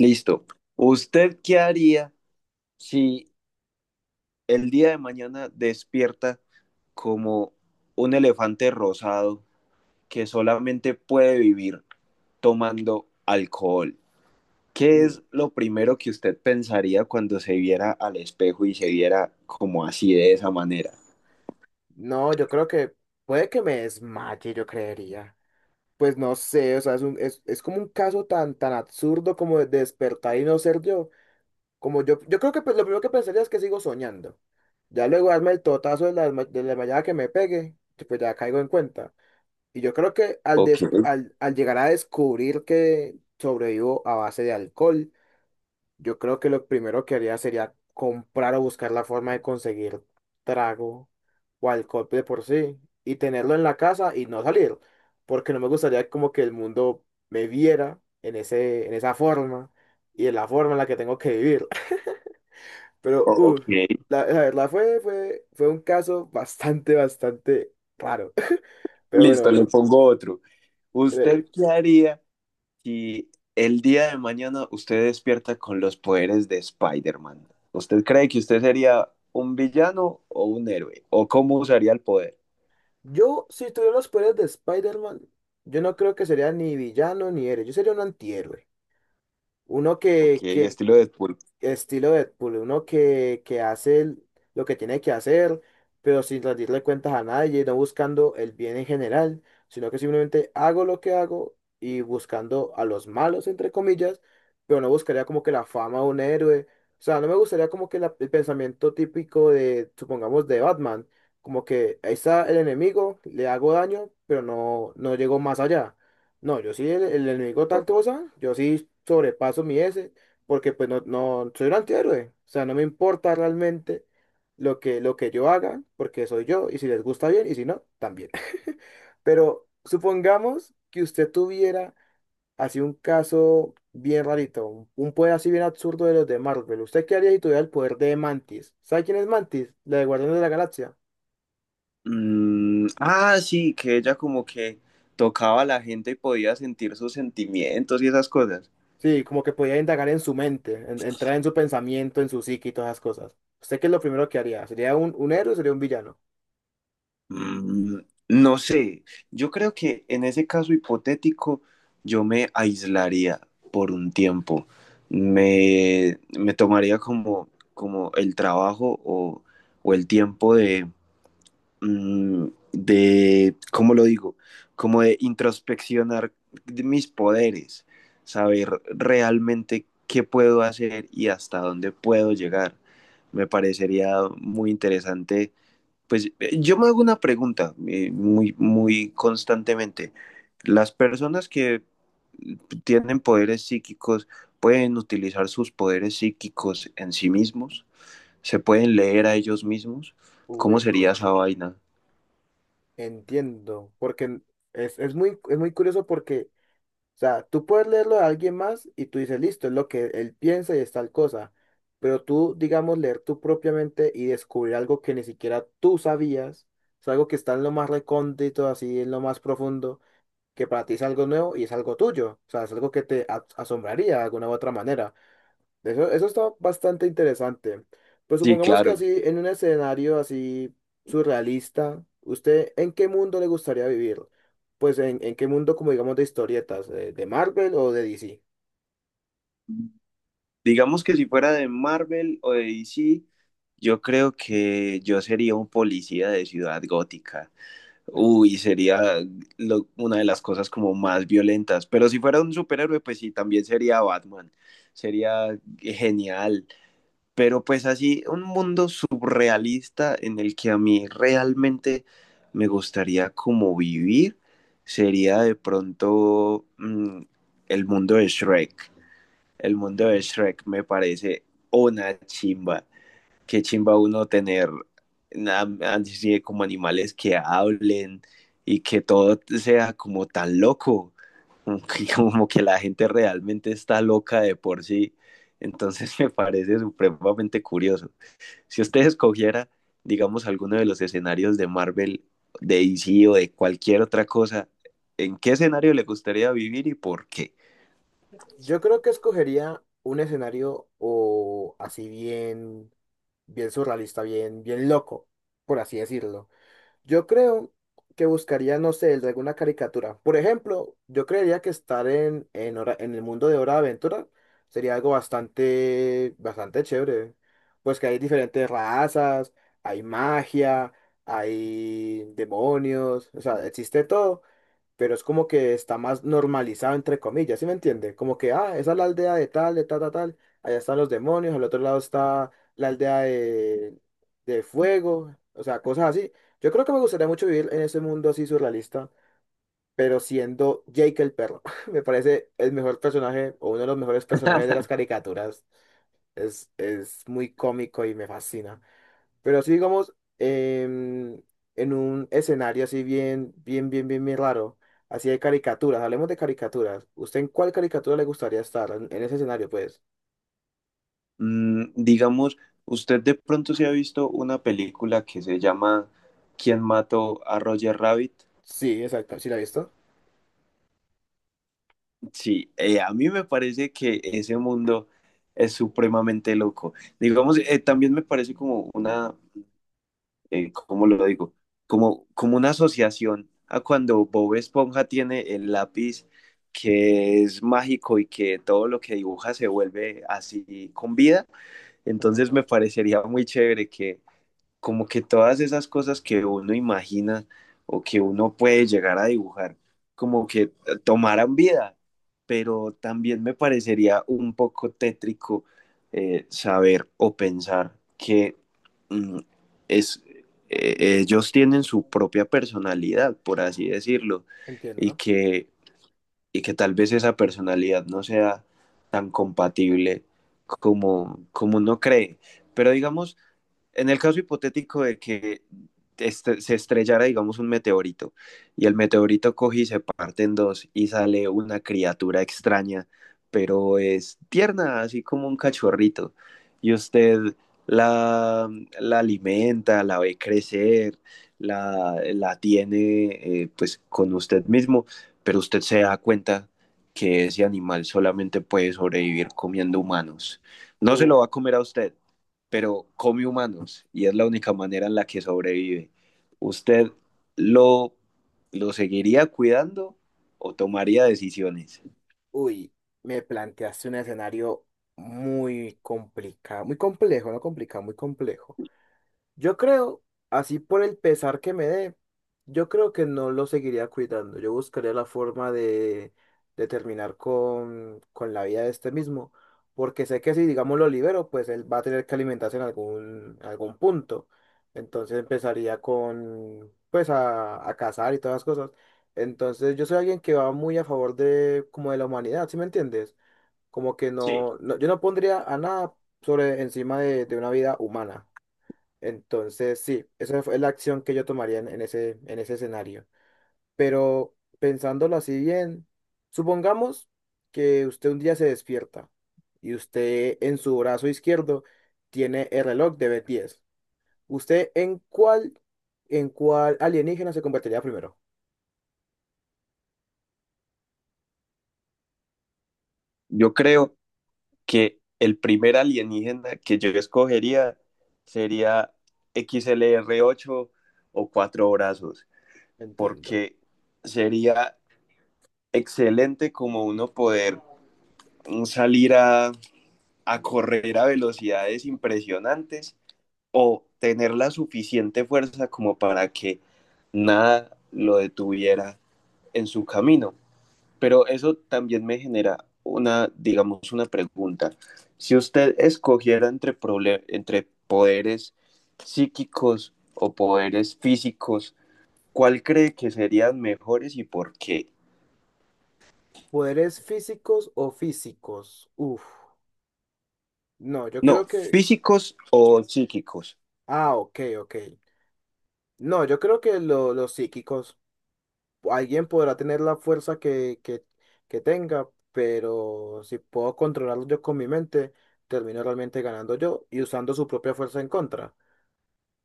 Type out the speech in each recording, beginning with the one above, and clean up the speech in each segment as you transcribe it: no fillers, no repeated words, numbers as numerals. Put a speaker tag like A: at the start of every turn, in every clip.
A: Listo. ¿Usted qué haría si el día de mañana despierta como un elefante rosado que solamente puede vivir tomando alcohol? ¿Qué
B: Mm,
A: es lo primero que usted pensaría cuando se viera al espejo y se viera como así de esa manera?
B: no, yo creo que puede que me desmaye, yo creería. Pues no sé, o sea, es como un caso tan absurdo como de despertar y no ser yo. Como yo creo que pues, lo primero que pensaría es que sigo soñando. Ya luego darme el totazo de de la desmayada que me pegue, que, pues ya caigo en cuenta. Y yo creo que
A: Ok,
B: al llegar a descubrir que sobrevivo a base de alcohol, yo creo que lo primero que haría sería comprar o buscar la forma de conseguir trago o alcohol de por sí y tenerlo en la casa y no salir, porque no me gustaría como que el mundo me viera en en esa forma y en la forma en la que tengo que vivir. Pero,
A: ok.
B: uff, la verdad fue un caso bastante raro. Pero
A: Listo, le
B: bueno.
A: pongo otro. ¿Usted
B: eh,
A: qué haría si el día de mañana usted despierta con los poderes de Spider-Man? ¿Usted cree que usted sería un villano o un héroe? ¿O cómo usaría el poder?
B: Yo, si tuviera los poderes de Spider-Man, yo no creo que sería ni villano ni héroe, yo sería un antihéroe. Uno
A: Ok,
B: que, que
A: estilo Deadpool.
B: estilo Deadpool, uno que lo que tiene que hacer, pero sin rendirle cuentas a nadie, no buscando el bien en general, sino que simplemente hago lo que hago y buscando a los malos, entre comillas, pero no buscaría como que la fama de un héroe. O sea, no me gustaría como que el pensamiento típico de, supongamos, de Batman, como que ahí está el enemigo, le hago daño, pero no, no llego más allá. No, yo sí, el enemigo tal cosa, yo sí sobrepaso mi S porque pues no, no soy un antihéroe. O sea, no me importa realmente lo que yo haga, porque soy yo, y si les gusta bien, y si no, también. Pero supongamos que usted tuviera así un caso bien rarito, un poder así bien absurdo de los de Marvel. ¿Usted qué haría si tuviera el poder de Mantis? ¿Sabe quién es Mantis? La de Guardianes de la Galaxia.
A: Mm, ah, sí, que ella como que tocaba a la gente y podía sentir sus sentimientos y esas cosas.
B: Sí, como que podía indagar en su mente, entrar en su pensamiento, en su psique y todas esas cosas. ¿Usted qué es lo primero que haría? ¿Sería un héroe o sería un villano?
A: Mm, no sé, yo creo que en ese caso hipotético yo me aislaría por un tiempo. Me tomaría como el trabajo o el tiempo mm, ¿cómo lo digo? Como de introspeccionar de mis poderes, saber realmente qué puedo hacer y hasta dónde puedo llegar. Me parecería muy interesante pues yo me hago una pregunta muy, muy constantemente. Las personas que tienen poderes psíquicos pueden utilizar sus poderes psíquicos en sí mismos, se pueden leer a ellos mismos. ¿Cómo sería esa
B: Entiendo.
A: vaina?
B: Entiendo, porque es muy curioso porque, o sea, tú puedes leerlo de alguien más y tú dices, listo, es lo que él piensa y es tal cosa, pero tú, digamos, leer tú propiamente y descubrir algo que ni siquiera tú sabías, es algo que está en lo más recóndito, así, en lo más profundo, que para ti es algo nuevo y es algo tuyo, o sea, es algo que te asombraría de alguna u otra manera. Eso está bastante interesante. Pues
A: Sí,
B: supongamos que
A: claro.
B: así, en un escenario así surrealista, ¿usted en qué mundo le gustaría vivir? Pues en qué mundo, como digamos, de historietas, de Marvel o de DC.
A: Digamos que si fuera de Marvel o de DC, yo creo que yo sería un policía de Ciudad Gótica. Uy, sería una de las cosas como más violentas. Pero si fuera un superhéroe, pues sí, también sería Batman. Sería genial. Pero pues así, un mundo surrealista en el que a mí realmente me gustaría como vivir, sería de pronto el mundo de Shrek. El mundo de Shrek me parece una chimba qué chimba uno tener nada así como animales que hablen y que todo sea como tan loco, como que como que la gente realmente está loca de por sí. Entonces me parece supremamente curioso. Si usted escogiera, digamos, alguno de los escenarios de Marvel, de DC o de cualquier otra cosa, ¿en qué escenario le gustaría vivir y por qué?
B: Yo creo que escogería un escenario o así bien, bien surrealista, bien loco, por así decirlo. Yo creo que buscaría, no sé, el de alguna caricatura. Por ejemplo, yo creería que estar en el mundo de Hora de Aventura sería algo bastante chévere. Pues que hay diferentes razas, hay magia, hay demonios, o sea, existe todo pero es como que está más normalizado, entre comillas, ¿sí me entiende? Como que, ah, esa es la aldea de tal, allá están los demonios, al otro lado está la aldea de fuego, o sea, cosas así. Yo creo que me gustaría mucho vivir en ese mundo así surrealista, pero siendo Jake el perro, me parece el mejor personaje o uno de los mejores personajes de las caricaturas. Es muy cómico y me fascina. Pero así digamos, en un escenario así bien raro, así de caricaturas, hablemos de caricaturas. ¿Usted en cuál caricatura le gustaría estar? En ese escenario, pues.
A: Digamos, usted de pronto se ha visto una película que se llama ¿Quién mató a Roger Rabbit?
B: Sí, exacto, ¿sí la ha visto?
A: Sí, a mí me parece que ese mundo es supremamente loco. Digamos, también me parece como una, ¿cómo lo digo? Como una asociación a cuando Bob Esponja tiene el lápiz que es mágico y que todo lo que dibuja se vuelve así con vida. Entonces
B: Ujú,
A: me parecería muy chévere que como que todas esas cosas que uno imagina o que uno puede llegar a dibujar, como que tomaran vida, pero también me parecería un poco tétrico saber o pensar que mm, es, ellos tienen su propia personalidad, por así decirlo, y
B: entiendo.
A: que, y que tal vez esa personalidad no sea tan compatible como uno cree. Pero digamos, en el caso hipotético de que se estrellara, digamos, un meteorito y el meteorito coge y se parte en dos y sale una criatura extraña, pero es tierna, así como un cachorrito, y usted la, la alimenta, la ve crecer, la tiene pues con usted mismo, pero usted se da cuenta que ese animal solamente puede sobrevivir comiendo humanos. No se
B: Uf,
A: lo va a comer a usted, pero come humanos y es la única manera en la que sobrevive.
B: uf,
A: ¿Usted lo, lo seguiría cuidando o tomaría decisiones?
B: uy, me planteaste un escenario muy complicado, muy complejo, no complicado, muy complejo. Yo creo, así por el pesar que me dé, yo creo que no lo seguiría cuidando. Yo buscaría la forma de terminar con la vida de este mismo. Porque sé que si, digamos, lo libero, pues él va a tener que alimentarse en algún punto. Entonces empezaría con, pues, a cazar y todas las cosas. Entonces yo soy alguien que va muy a favor de, como de la humanidad, ¿sí me entiendes? Como que
A: Sí.
B: yo no pondría a nada sobre encima de una vida humana. Entonces, sí, esa fue la acción que yo tomaría en ese escenario. Pero pensándolo así bien, supongamos que usted un día se despierta y usted en su brazo izquierdo tiene el reloj de B10. ¿Usted en cuál alienígena se convertiría primero?
A: Yo creo que el primer alienígena que yo escogería sería XLR8 o cuatro brazos,
B: Entiendo.
A: porque sería excelente como uno poder salir a correr a velocidades impresionantes o tener la suficiente fuerza como para que nada lo detuviera en su camino. Pero eso también me genera una, digamos, una pregunta. Si usted escogiera entre poderes psíquicos o poderes físicos, ¿cuál cree que serían mejores y por qué?
B: ¿Poderes físicos o físicos? Uf. No, yo
A: No,
B: creo que...
A: físicos o psíquicos.
B: Ah, ok, ok. No, yo creo que los psíquicos, alguien podrá tener la fuerza que tenga, pero si puedo controlarlo yo con mi mente, termino realmente ganando yo y usando su propia fuerza en contra.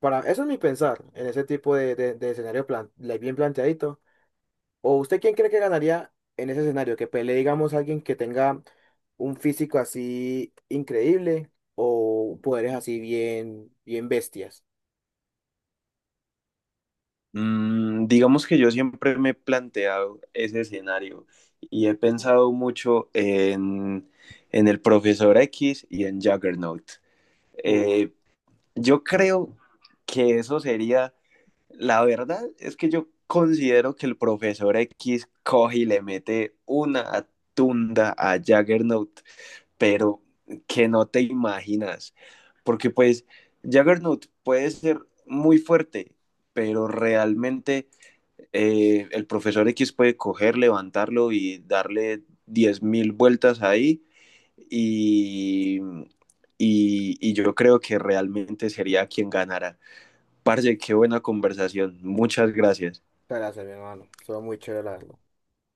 B: Para, eso es mi pensar en ese tipo de, de escenario plan, le- bien planteadito. ¿O usted quién cree que ganaría en ese escenario? ¿Que pelee, digamos, alguien que tenga un físico así increíble o poderes así bien bestias?
A: Digamos que yo siempre me he planteado ese escenario y he pensado mucho en el profesor X y en Juggernaut.
B: Uf.
A: Eh, yo creo que eso sería, la verdad es que yo considero que el profesor X coge y le mete una tunda a Juggernaut, pero que no te imaginas, porque pues Juggernaut puede ser muy fuerte, pero realmente el profesor X puede coger, levantarlo y darle 10.000 vueltas ahí y, yo creo que realmente sería quien ganara. Parce, qué buena conversación. Muchas gracias.
B: Muchas gracias, mi hermano. Estuvo muy chévere la